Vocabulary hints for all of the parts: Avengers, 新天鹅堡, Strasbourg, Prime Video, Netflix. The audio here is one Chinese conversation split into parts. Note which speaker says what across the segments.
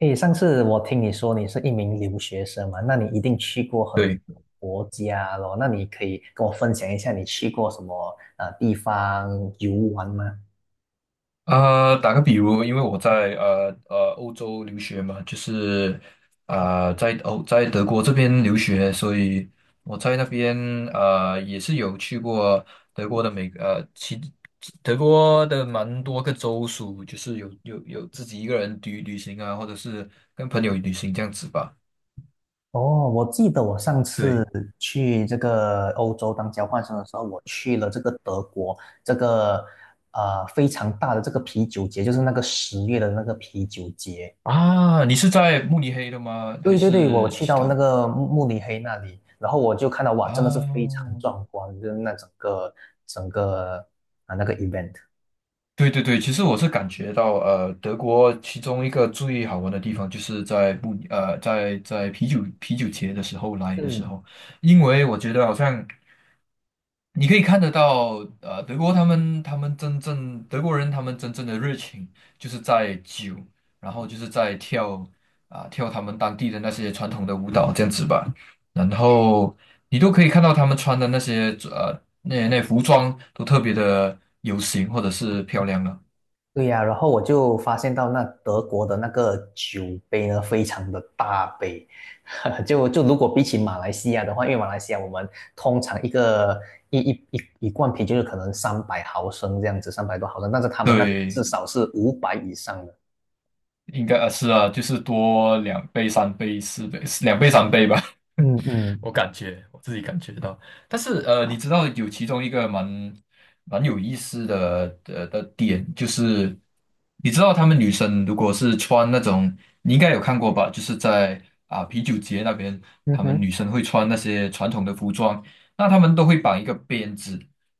Speaker 1: 诶，上次我听你说你是一名留学生嘛，那你一定去过很多
Speaker 2: 对
Speaker 1: 国家咯，那你可以跟我分享一下你去过什么地方游玩吗？
Speaker 2: 啊，打个比如，因为我在欧洲留学嘛，就是在德国这边留学，所以我在那边也是有去过德国的每呃其德国的蛮多个州属，就是有自己一个人旅行啊，或者是跟朋友旅行这样子吧。
Speaker 1: 哦，我记得我上次
Speaker 2: 对
Speaker 1: 去这个欧洲当交换生的时候，我去了这个德国，这个非常大的这个啤酒节，就是那个10月的那个啤酒节。
Speaker 2: 啊，你是在慕尼黑的吗？还
Speaker 1: 对对对，我
Speaker 2: 是
Speaker 1: 去
Speaker 2: 其
Speaker 1: 到那
Speaker 2: 他
Speaker 1: 个慕尼黑那里，然后我就看到哇，真的是非常
Speaker 2: 啊？
Speaker 1: 壮观，就是那整个那个 event。
Speaker 2: 对对对，其实我是感觉到，德国其中一个最好玩的地方就是在不呃，在啤酒节的时候来的时
Speaker 1: 嗯，
Speaker 2: 候，因为我觉得好像你可以看得到，德国他们真正德国人他们真正的热情，就是在酒，然后就是在跳他们当地的那些传统的舞蹈这样子吧，然后你都可以看到他们穿的那些那服装都特别的有型或者是漂亮了。
Speaker 1: 对呀，然后我就发现到那德国的那个酒杯呢，非常的大杯。就如果比起马来西亚的话，因为马来西亚我们通常一个一一一一罐啤酒就可能300毫升这样子，300多毫升，但是他们那边至
Speaker 2: 对，
Speaker 1: 少是500以上的。
Speaker 2: 应该啊是啊，就是多两倍、三倍、4倍、两倍、三倍吧。
Speaker 1: 嗯嗯，
Speaker 2: 我感觉我自己感觉到，但是你知道有其中一个蛮有意思的点，就是你知道他们女生如果是穿那种，你应该有看过吧？就是在啤酒节那边，
Speaker 1: 嗯
Speaker 2: 他们
Speaker 1: 哼，
Speaker 2: 女生会穿那些传统的服装，那他们都会绑一个辫子。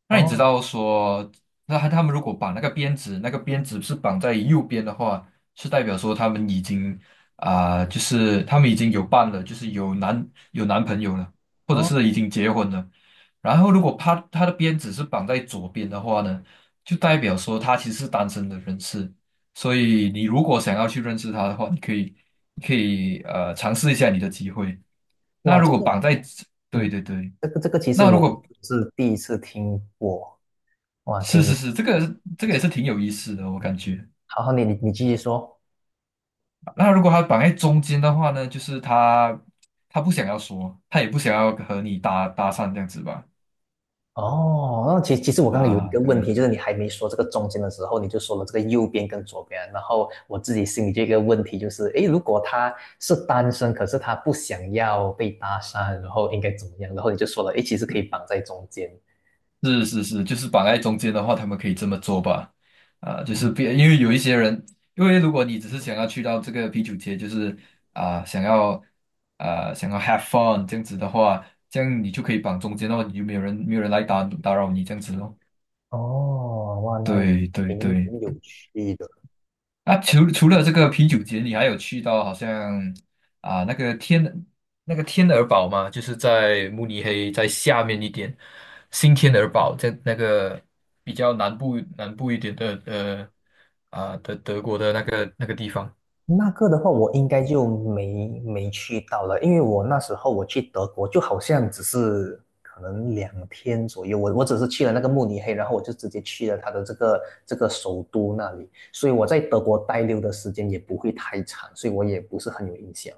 Speaker 2: 那你知
Speaker 1: 哦
Speaker 2: 道说，那他们如果绑那个辫子，那个辫子是绑在右边的话，是代表说他们已经有伴了，就是有男朋友了，或者是已
Speaker 1: 哦，
Speaker 2: 经结婚了。然后，如果他的鞭子是绑在左边的话呢，就代表说他其实是单身的人士。所以，你如果想要去认识他的话，你可以尝试一下你的机会。那
Speaker 1: 哇，
Speaker 2: 如果绑在，对
Speaker 1: 嗯，
Speaker 2: 对对。
Speaker 1: 这个其实
Speaker 2: 那如
Speaker 1: 我
Speaker 2: 果
Speaker 1: 是第一次听过，哇，
Speaker 2: 是是是，这个也是挺有意思的，我感觉。
Speaker 1: 好好，你继续说。
Speaker 2: 那如果他绑在中间的话呢，就是他不想要说，他也不想要和你搭讪这样子吧？
Speaker 1: 哦，那其实我刚刚有一
Speaker 2: 啊，
Speaker 1: 个问
Speaker 2: 对，
Speaker 1: 题，就是你还没说这个中间的时候，你就说了这个右边跟左边，然后我自己心里这个问题，就是诶，如果他是单身，可是他不想要被搭讪，然后应该怎么样？然后你就说了，诶，其实可以绑在中间。
Speaker 2: 是是是，就是绑在中间的话，他们可以这么做吧？啊，就是
Speaker 1: 嗯，
Speaker 2: 别，因为有一些人，因为如果你只是想要去到这个啤酒节，就是啊、想要想要 have fun 这样子的话，这样你就可以绑中间的话，你就没有人来打扰你这样子咯。
Speaker 1: 哦，哇，那也
Speaker 2: 对对
Speaker 1: 挺
Speaker 2: 对。
Speaker 1: 挺有趣的。
Speaker 2: 啊，除了这个啤酒节，你还有去到好像啊那个天那个天鹅堡吗？就是在慕尼黑在下面一点，新天鹅堡在那个比较南部一点的德国的那个地方。
Speaker 1: 那个的话，我应该就没去到了，因为我那时候我去德国，就好像只是可能2天左右，我只是去了那个慕尼黑，然后我就直接去了他的这个这个首都那里，所以我在德国待留的时间也不会太长，所以我也不是很有印象。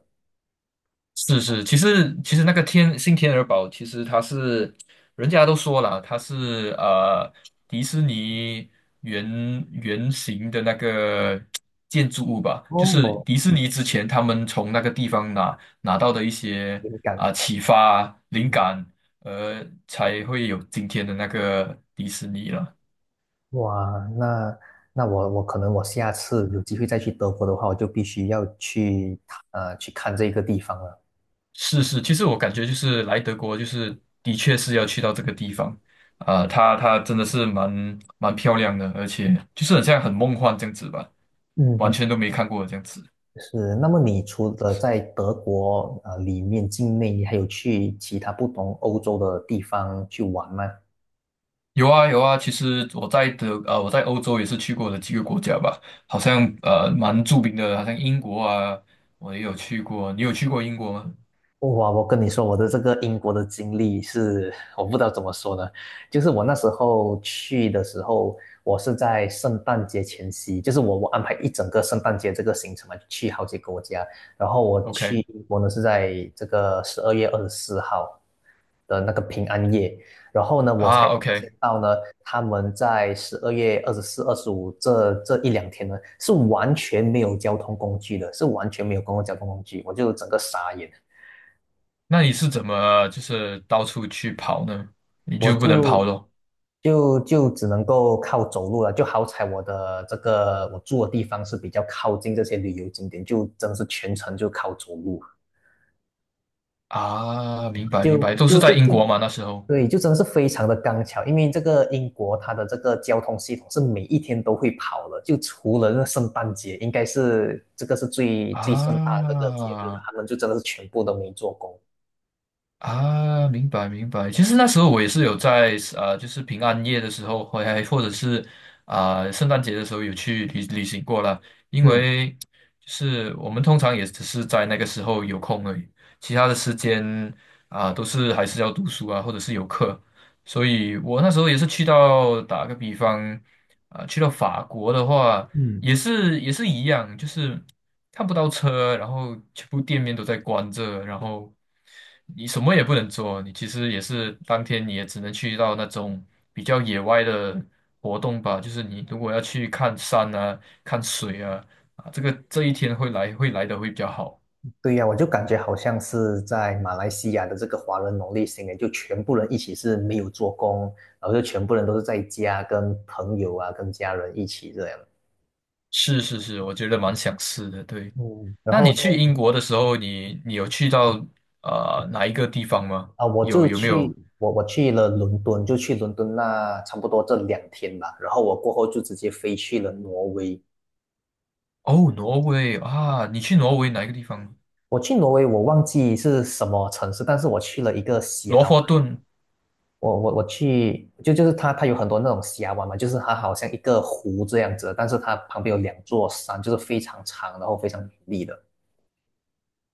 Speaker 2: 是是，其实那个新天鹅堡，其实它是人家都说了，它是迪士尼原型的那个建筑物吧，就是
Speaker 1: 哦，
Speaker 2: 迪士尼之前他们从那个地方拿到的一些
Speaker 1: 灵感，
Speaker 2: 启发灵
Speaker 1: 嗯，
Speaker 2: 感，才会有今天的那个迪士尼了。
Speaker 1: 哇，那我可能我下次有机会再去德国的话，我就必须要去去看这个地方了。
Speaker 2: 是是，其实我感觉就是来德国，就是的确是要去到这个地方，它真的是蛮漂亮的，而且就是很像很梦幻这样子吧，完
Speaker 1: 嗯，
Speaker 2: 全都没看过这样子。
Speaker 1: 是，那么你除了在德国里面境内，你还有去其他不同欧洲的地方去玩吗？
Speaker 2: 有啊有啊，其实我在欧洲也是去过的几个国家吧，好像蛮著名的，好像英国啊，我也有去过。你有去过英国吗
Speaker 1: 哇，我跟你说，我的这个英国的经历是，我不知道怎么说呢。就是我那时候去的时候，我是在圣诞节前夕，就是我安排一整个圣诞节这个行程嘛，去好几个国家。然后我去
Speaker 2: ？OK
Speaker 1: 英国呢是在这个12月24号的那个平安夜，然后呢，我才发现
Speaker 2: OK，
Speaker 1: 到呢，他们在12月24、25这一两天呢，是完全没有交通工具的，是完全没有公共交通工具，我就整个傻眼。
Speaker 2: 那你是怎么就是到处去跑呢？你
Speaker 1: 我
Speaker 2: 就不能跑
Speaker 1: 就
Speaker 2: 咯？
Speaker 1: 就就只能够靠走路了，就好彩我的这个我住的地方是比较靠近这些旅游景点，就真是全程就靠走路，
Speaker 2: 啊，明白明
Speaker 1: 就
Speaker 2: 白，都是
Speaker 1: 就就
Speaker 2: 在英国
Speaker 1: 真，
Speaker 2: 嘛那时候。
Speaker 1: 对，就真的是非常的刚巧，因为这个英国它的这个交通系统是每一天都会跑的，就除了那个圣诞节，应该是这个是最最盛大的这个节日嘛，
Speaker 2: 啊
Speaker 1: 他们就真的是全部都没做工。
Speaker 2: 啊，明白明白。其实那时候我也是有在就是平安夜的时候，或或者是圣诞节的时候有去旅行过了。因
Speaker 1: 嗯
Speaker 2: 为就是我们通常也只是在那个时候有空而已，其他的时间都是还是要读书啊，或者是有课。所以我那时候也是去到打个比方。去到法国的话，
Speaker 1: 嗯。
Speaker 2: 也是一样，就是看不到车，然后全部店面都在关着，然后你什么也不能做，你其实也是当天你也只能去到那种比较野外的活动吧，就是你如果要去看山啊、看水啊，啊，这个这一天会来的会比较好。
Speaker 1: 对呀，我就感觉好像是在马来西亚的这个华人农历新年，就全部人一起是没有做工，然后就全部人都是在家跟朋友啊、跟家人一起这样。
Speaker 2: 是是是，我觉得蛮想试的。对，
Speaker 1: 嗯，然
Speaker 2: 那
Speaker 1: 后
Speaker 2: 你
Speaker 1: 在
Speaker 2: 去英国的时候，你有去到哪一个地方吗？
Speaker 1: 啊，我
Speaker 2: 有
Speaker 1: 就
Speaker 2: 有没有
Speaker 1: 去我我去了伦敦，就去伦敦那差不多这两天吧。然后我过后就直接飞去了挪威。
Speaker 2: 哦，挪威啊，你去挪威哪一个地方？
Speaker 1: 我去挪威，我忘记是什么城市，但是我去了一个峡
Speaker 2: 罗佛顿
Speaker 1: 我我我去，就就是它它有很多那种峡湾嘛，就是它好像一个湖这样子，但是它旁边有两座山，就是非常长，然后非常美丽的。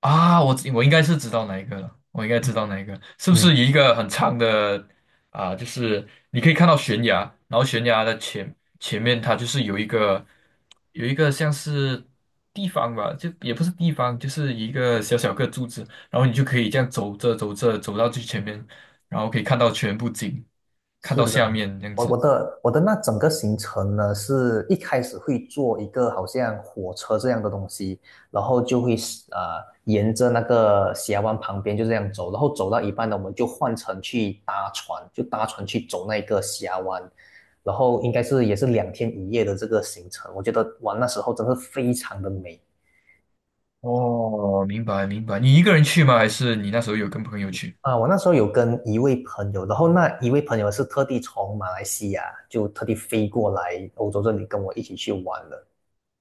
Speaker 2: 啊，我应该是知道哪一个了，我应该知道哪一个，是不是一个很长的啊？就是你可以看到悬崖，然后悬崖的前面它就是有一个像是地方吧，就也不是地方，就是一个小小个柱子，然后你就可以这样走着走着走到最前面，然后可以看到全部景，看
Speaker 1: 是
Speaker 2: 到
Speaker 1: 的，
Speaker 2: 下面这样
Speaker 1: 我
Speaker 2: 子。
Speaker 1: 我的我的那整个行程呢，是一开始会坐一个好像火车这样的东西，然后就会呃沿着那个峡湾旁边就这样走，然后走到一半呢，我们就换乘去搭船，就搭船去走那个峡湾，然后应该是也是2天1夜的这个行程，我觉得哇那时候真是非常的美。
Speaker 2: 哦，明白明白。你一个人去吗？还是你那时候有跟朋友去？
Speaker 1: 啊！我那时候有跟一位朋友，然后那一位朋友是特地从马来西亚就特地飞过来欧洲这里跟我一起去玩的。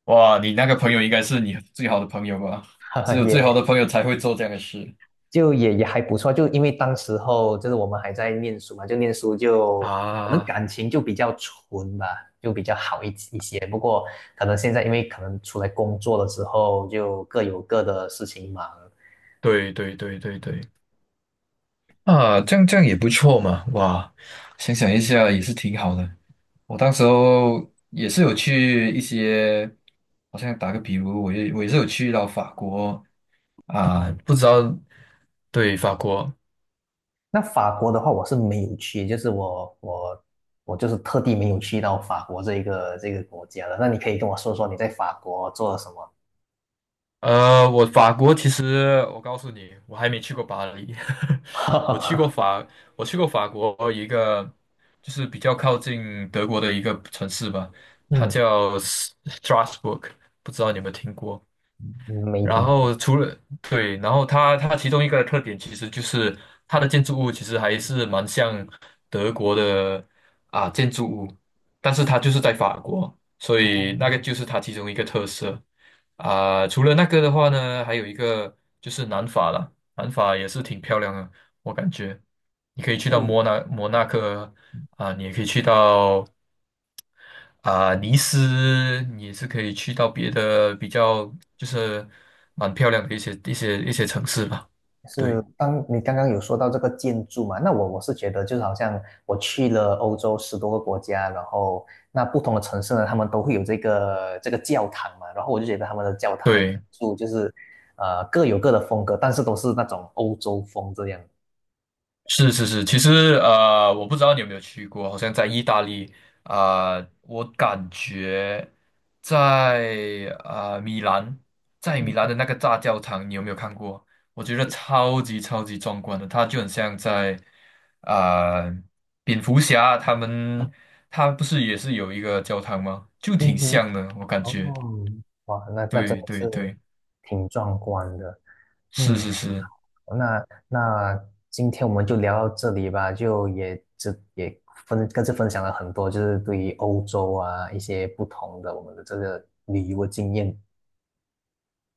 Speaker 2: 哇，你那个朋友应该是你最好的朋友吧？只 有最好的
Speaker 1: 也
Speaker 2: 朋友才会做这样的事。
Speaker 1: 就也还不错，就因为当时候就是我们还在念书嘛，就念书就可能
Speaker 2: 啊，
Speaker 1: 感情就比较纯吧，就比较好一些。不过可能现在因为可能出来工作了之后，就各有各的事情忙。
Speaker 2: 对对对对对，啊，这样也不错嘛，哇，想一下也是挺好的。我当时候也是有去一些，好像打个比如，我也是有去到法国啊，不知道，对，法国。
Speaker 1: 那法国的话，我是没有去，就是我就是特地没有去到法国这一个这个国家的。那你可以跟我说说你在法国做了什么？
Speaker 2: 我法国其实我告诉你，我还没去过巴黎，我去过 法，我去过法国一个就是比较靠近德国的一个城市吧，它
Speaker 1: 嗯，
Speaker 2: 叫 Strasbourg，不知道你有没有听过？
Speaker 1: 没
Speaker 2: 然
Speaker 1: 听过。
Speaker 2: 后对，然后它其中一个特点其实就是它的建筑物其实还是蛮像德国的建筑物，但是它就是在法国，所以那个就是它其中一个特色啊。除了那个的话呢，还有一个就是南法了，南法也是挺漂亮的，我感觉你可以去到摩纳哥啊，你也可以去到尼斯你也是可以去到别的比较就是蛮漂亮的一些城市吧。对
Speaker 1: 是，当你刚刚有说到这个建筑嘛，那我是觉得就是好像我去了欧洲10多个国家，然后那不同的城市呢，他们都会有这个教堂嘛，然后我就觉得他们的教堂的建
Speaker 2: 对。
Speaker 1: 筑就是各有各的风格，但是都是那种欧洲风这样。
Speaker 2: 是是是，其实我不知道你有没有去过，好像在意大利我感觉在米兰，在米兰
Speaker 1: 嗯，
Speaker 2: 的那个大教堂，你有没有看过？我觉得超级超级壮观的，它就很像在啊、呃蝙蝠侠他们，他不是也是有一个教堂吗？就
Speaker 1: 嗯
Speaker 2: 挺
Speaker 1: 哼，
Speaker 2: 像的，我感
Speaker 1: 哦，
Speaker 2: 觉。
Speaker 1: 哇，那真
Speaker 2: 对
Speaker 1: 的是
Speaker 2: 对对，
Speaker 1: 挺壮观的。
Speaker 2: 是
Speaker 1: 嗯，
Speaker 2: 是是。
Speaker 1: 那今天我们就聊到这里吧，就也这也分各自分享了很多，就是对于欧洲啊一些不同的我们的这个旅游的经验。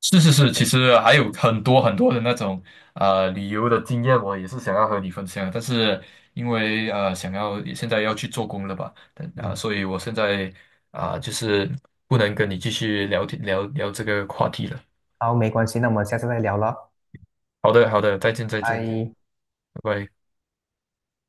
Speaker 2: 是是是，其实还有很多很多的那种旅游的经验，我也是想要和你分享，但是因为想要现在要去做工了吧，但
Speaker 1: 嗯，
Speaker 2: 所以我现在就是不能跟你继续聊天聊聊这个话题了。
Speaker 1: 好，没关系，那我们下次再聊了，
Speaker 2: 好的好的，再见再见，
Speaker 1: 拜。
Speaker 2: 拜拜。